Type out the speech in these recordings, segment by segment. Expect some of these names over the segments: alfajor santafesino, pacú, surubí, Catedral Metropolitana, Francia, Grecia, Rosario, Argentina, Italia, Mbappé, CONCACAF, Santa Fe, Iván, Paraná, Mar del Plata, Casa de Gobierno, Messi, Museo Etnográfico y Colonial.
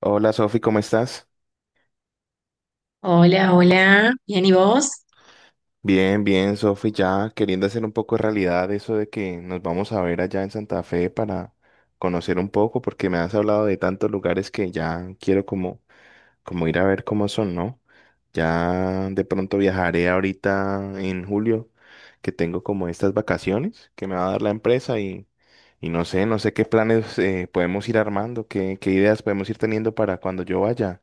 Hola Sofi, ¿cómo estás? Hola, hola. Bien, ¿y vos? Bien, bien, Sofi, ya queriendo hacer un poco de realidad eso de que nos vamos a ver allá en Santa Fe para conocer un poco, porque me has hablado de tantos lugares que ya quiero como, como ir a ver cómo son, ¿no? Ya de pronto viajaré ahorita en julio, que tengo como estas vacaciones que me va a dar la empresa y no sé, no sé qué planes podemos ir armando, qué ideas podemos ir teniendo para cuando yo vaya.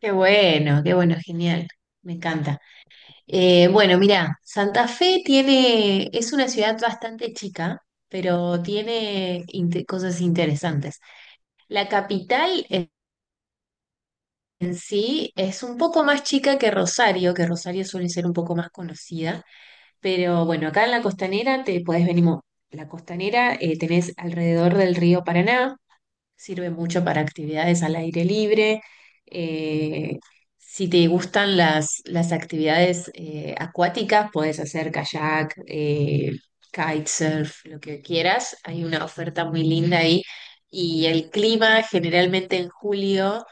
Qué bueno, genial. Me encanta. Bueno, mira, Santa Fe tiene, es una ciudad bastante chica, pero tiene cosas interesantes. La capital en sí es un poco más chica que Rosario suele ser un poco más conocida, pero bueno, acá en la costanera te podés venir. La costanera tenés alrededor del río Paraná. Sirve mucho para actividades al aire libre. Eh, si te gustan las actividades acuáticas, puedes hacer kayak, kitesurf, lo que quieras. Hay una oferta muy linda ahí. Y el clima generalmente en julio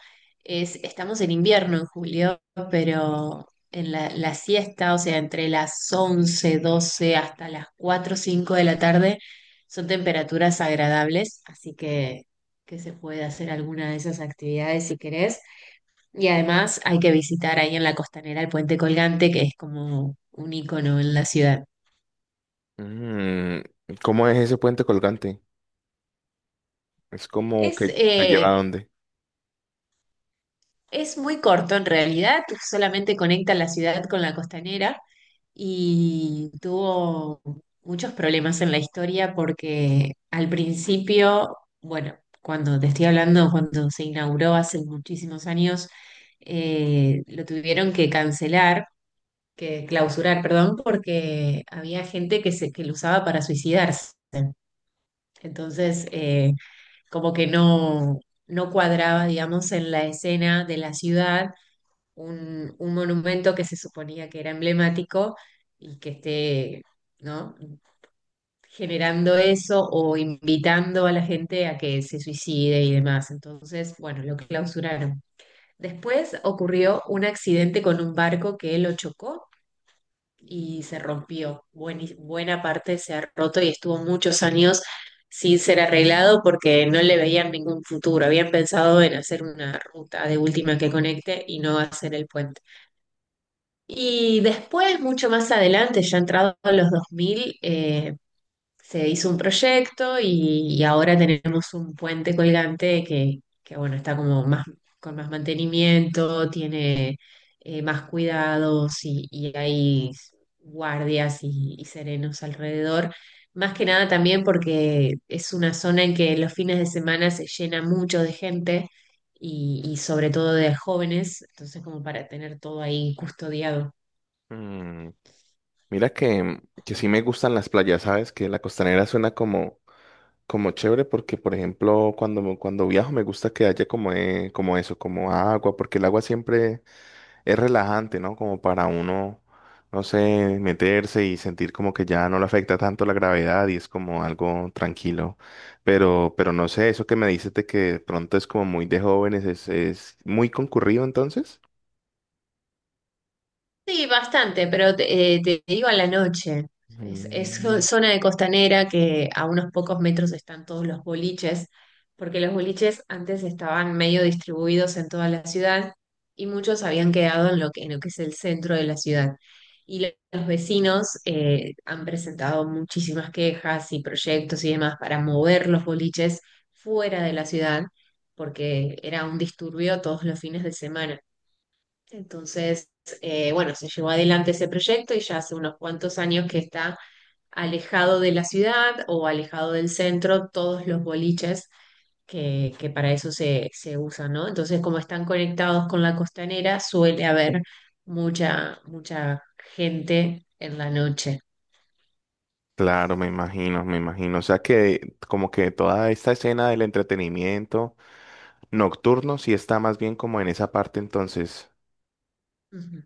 es, estamos en invierno en julio, pero en la siesta, o sea, entre las 11 12 hasta las 4, 5 de la tarde, son temperaturas agradables, así que se puede hacer alguna de esas actividades si querés. Y además hay que visitar ahí en la costanera el puente colgante, que es como un icono en la ciudad. Mm, ¿cómo es ese puente colgante? Es como Es, que te lleva eh, a dónde. es muy corto en realidad, solamente conecta la ciudad con la costanera y tuvo muchos problemas en la historia porque al principio, bueno, cuando te estoy hablando, cuando se inauguró hace muchísimos años, lo tuvieron que cancelar que clausurar, perdón, porque había gente que lo usaba para suicidarse. Entonces, como que no, no cuadraba, digamos, en la escena de la ciudad un monumento que se suponía que era emblemático y que esté, ¿no? generando eso o invitando a la gente a que se suicide y demás. Entonces, bueno, lo clausuraron. Después ocurrió un accidente con un barco que lo chocó y se rompió. Buena parte se ha roto y estuvo muchos años sin ser arreglado porque no le veían ningún futuro. Habían pensado en hacer una ruta de última que conecte y no hacer el puente. Y después, mucho más adelante, ya entrado a los 2000, se hizo un proyecto y ahora tenemos un puente colgante que, bueno, está como más, con más mantenimiento, tiene más cuidados y hay guardias y serenos alrededor. Más que nada también porque es una zona en que los fines de semana se llena mucho de gente y sobre todo de jóvenes, entonces como para tener todo ahí custodiado. Mm, mira que sí me gustan las playas, ¿sabes? Que la costanera suena como, como chévere porque, por ejemplo, cuando viajo me gusta que haya como, como eso, como agua, porque el agua siempre es relajante, ¿no? Como para uno, no sé, meterse y sentir como que ya no le afecta tanto la gravedad y es como algo tranquilo. Pero no sé, eso que me dices de que de pronto es como muy de jóvenes, es muy concurrido entonces. Sí, bastante, pero te digo a la noche. Es Mm. zona de costanera que a unos pocos metros están todos los boliches, porque los boliches antes estaban medio distribuidos en toda la ciudad y muchos habían quedado en lo que es el centro de la ciudad. Y los vecinos han presentado muchísimas quejas y proyectos y demás para mover los boliches fuera de la ciudad, porque era un disturbio todos los fines de semana. Entonces, bueno, se llevó adelante ese proyecto y ya hace unos cuantos años que está alejado de la ciudad o alejado del centro todos los boliches que para eso se usan, ¿no? Entonces, como están conectados con la costanera, suele haber mucha gente en la noche. Claro, me imagino, me imagino. O sea que como que toda esta escena del entretenimiento nocturno sí está más bien como en esa parte entonces. Ujú,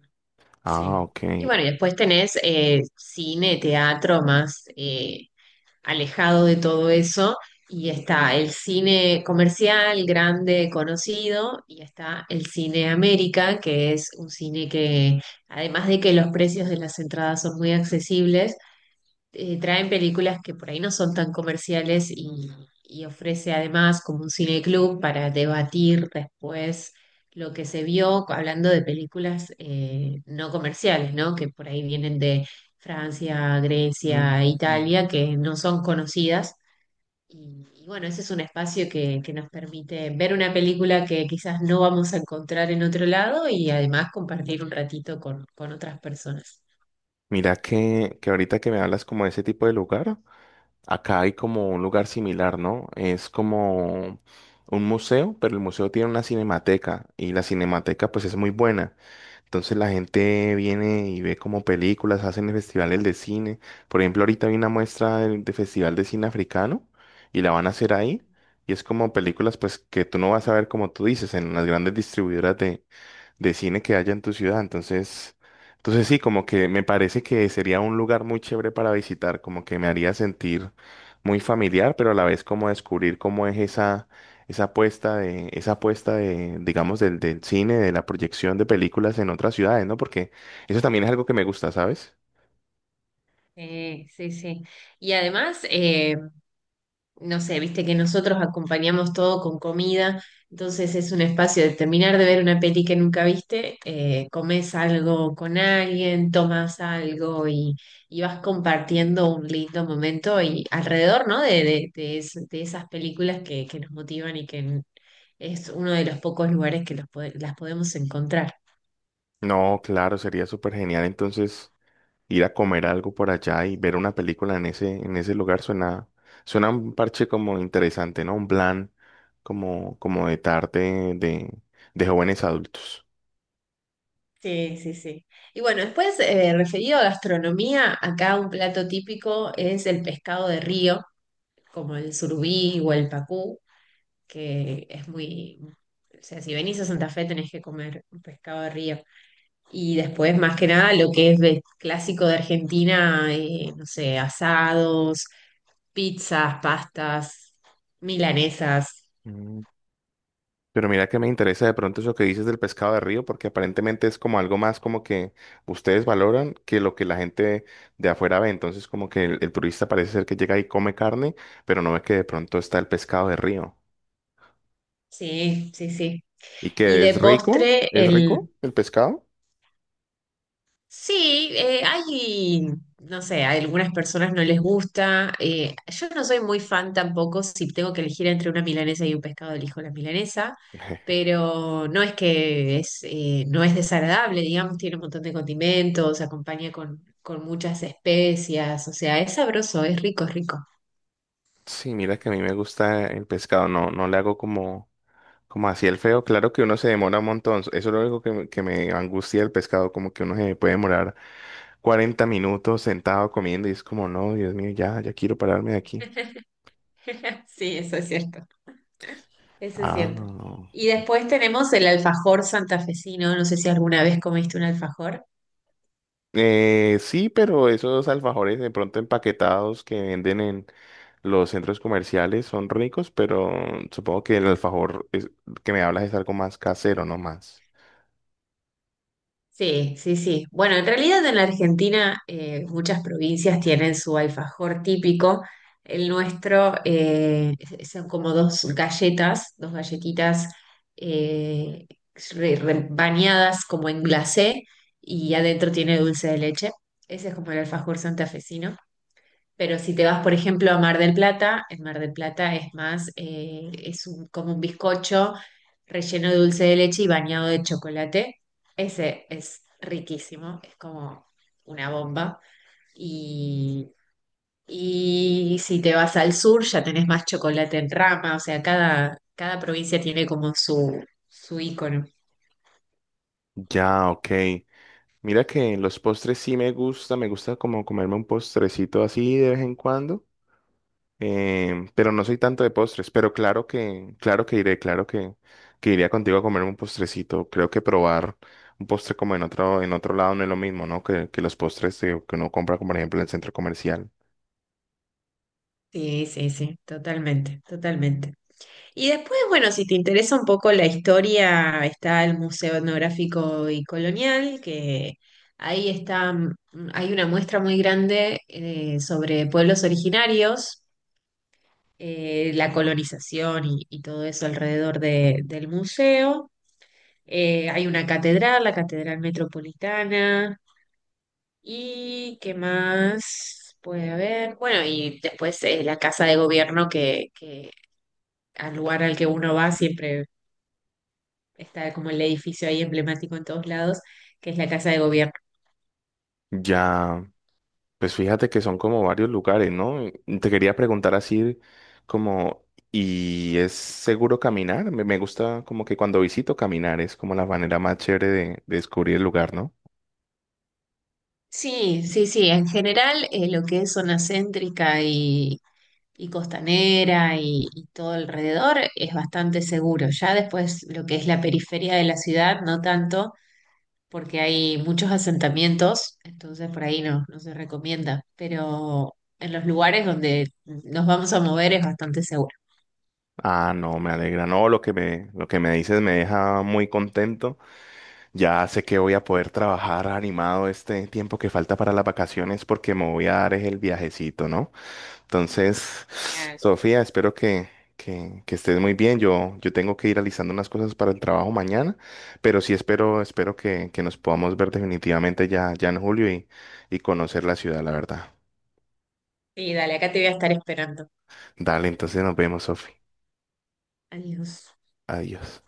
Ah, sí. ok. Y bueno, y después tenés cine, teatro, más alejado de todo eso. Y está el cine comercial, grande, conocido, y está el cine América, que es un cine que, además de que los precios de las entradas son muy accesibles, traen películas que por ahí no son tan comerciales y ofrece además como un cineclub para debatir después lo que se vio hablando de películas no comerciales, ¿no? Que por ahí vienen de Francia, Mm. Grecia, Italia, que no son conocidas. Y bueno, ese es un espacio que nos permite ver una película que quizás no vamos a encontrar en otro lado y además compartir un ratito con otras personas. Mira que ahorita que me hablas como de ese tipo de lugar, acá hay como un lugar similar, ¿no? Es como un museo, pero el museo tiene una cinemateca y la cinemateca pues es muy buena. Entonces la gente viene y ve como películas, hacen festivales de cine. Por ejemplo, ahorita hay una muestra de festival de cine africano y la van a hacer ahí. Y es como películas pues que tú no vas a ver como tú dices en las grandes distribuidoras de cine que haya en tu ciudad. Entonces sí, como que me parece que sería un lugar muy chévere para visitar, como que me haría sentir muy familiar, pero a la vez como descubrir cómo es esa, esa apuesta de, digamos, del cine, de la proyección de películas en otras ciudades, ¿no? Porque eso también es algo que me gusta, ¿sabes? Sí, sí. Y además, no sé, viste que nosotros acompañamos todo con comida, entonces es un espacio de terminar de ver una peli que nunca viste, comes algo con alguien, tomas algo y vas compartiendo un lindo momento y alrededor, ¿no? De de esas películas que nos motivan y que es uno de los pocos lugares que los las podemos encontrar. No, claro, sería súper genial. Entonces, ir a comer algo por allá y ver una película en ese lugar suena, suena un parche como interesante, ¿no? Un plan como, como de tarde de jóvenes adultos. Sí, sí, sí. Y bueno, después, referido a gastronomía, acá un plato típico es el pescado de río como el surubí o el pacú, que es muy... O sea, si venís a Santa Fe tenés que comer pescado de río. Y después, más que nada, lo que es clásico de Argentina, no sé, asados, pizzas, pastas, milanesas. Mm, pero mira que me interesa de pronto eso que dices del pescado de río, porque aparentemente es como algo más como que ustedes valoran que lo que la gente de afuera ve. Entonces como que el turista parece ser que llega y come carne, pero no ve que de pronto está el pescado de río. Sí, sí, sí. Y Y que de postre, es rico el pescado. sí, hay, no sé, a algunas personas no les gusta. Yo no soy muy fan tampoco si tengo que elegir entre una milanesa y un pescado, elijo la milanesa, pero no es que es, no es desagradable, digamos, tiene un montón de condimentos, acompaña con muchas especias, o sea, es sabroso, es rico, es rico. Sí, mira que a mí me gusta el pescado, no, no le hago como, como así el feo. Claro que uno se demora un montón, eso es lo único que me angustia el pescado, como que uno se puede demorar 40 minutos sentado comiendo y es como, no, Dios mío, ya, ya quiero pararme de aquí. Sí, eso es cierto, eso es Ah, no, cierto. no. Y después tenemos el alfajor santafesino, no sé si alguna vez comiste un alfajor. Sí, pero esos alfajores de pronto empaquetados que venden en los centros comerciales son ricos, pero supongo que el alfajor es- que me hablas es algo más casero, no más. Sí, sí, sí. Bueno, en realidad en la Argentina muchas provincias tienen su alfajor típico. El nuestro son como dos galletas, dos galletitas eh, bañadas como en glacé y adentro tiene dulce de leche. Ese es como el alfajor santafesino. Pero si te vas, por ejemplo, a Mar del Plata, en Mar del Plata es más, como un bizcocho relleno de dulce de leche y bañado de chocolate. Ese es riquísimo, es como una bomba. Y, y si te vas al sur, ya tenés más chocolate en rama, o sea, cada provincia tiene como su ícono. Ya, ok. Mira que los postres sí me gusta como comerme un postrecito así de vez en cuando, pero no soy tanto de postres, pero claro que iré, claro que iría contigo a comerme un postrecito. Creo que probar un postre como en otro lado no es lo mismo, ¿no? Que los postres que uno compra, como por ejemplo en el centro comercial. Sí, sí, sí, totalmente, totalmente. Y después, bueno, si te interesa un poco la historia, está el Museo Etnográfico y Colonial, que ahí está, hay una muestra muy grande sobre pueblos originarios, la colonización y todo eso alrededor del museo. Hay una catedral, la Catedral Metropolitana, y qué más puede haber. Bueno, y después la Casa de Gobierno que al lugar al que uno va siempre está como el edificio ahí emblemático en todos lados, que es la Casa de Gobierno. Ya. Pues fíjate que son como varios lugares, ¿no? Y te quería preguntar así como, ¿y es seguro caminar? Me gusta como que cuando visito caminar es como la manera más chévere de descubrir el lugar, ¿no? Sí, sí, sí, en general lo que es zona céntrica y costanera y todo alrededor es bastante seguro. Ya después lo que es la periferia de la ciudad, no tanto, porque hay muchos asentamientos, entonces por ahí no, no se recomienda, pero en los lugares donde nos vamos a mover es bastante seguro. Ah, no, me alegra. No, lo que me dices me deja muy contento. Ya sé que voy a poder trabajar animado este tiempo que falta para las vacaciones porque me voy a dar es el viajecito, ¿no? Entonces, Genial. Sofía, espero que estés muy bien. Yo tengo que ir realizando unas cosas para el trabajo mañana, pero sí espero, espero que nos podamos ver definitivamente ya, ya en julio y conocer la ciudad, la verdad. Sí, dale, acá te voy a estar esperando. Dale, entonces nos vemos, Sofía. Adiós. Adiós.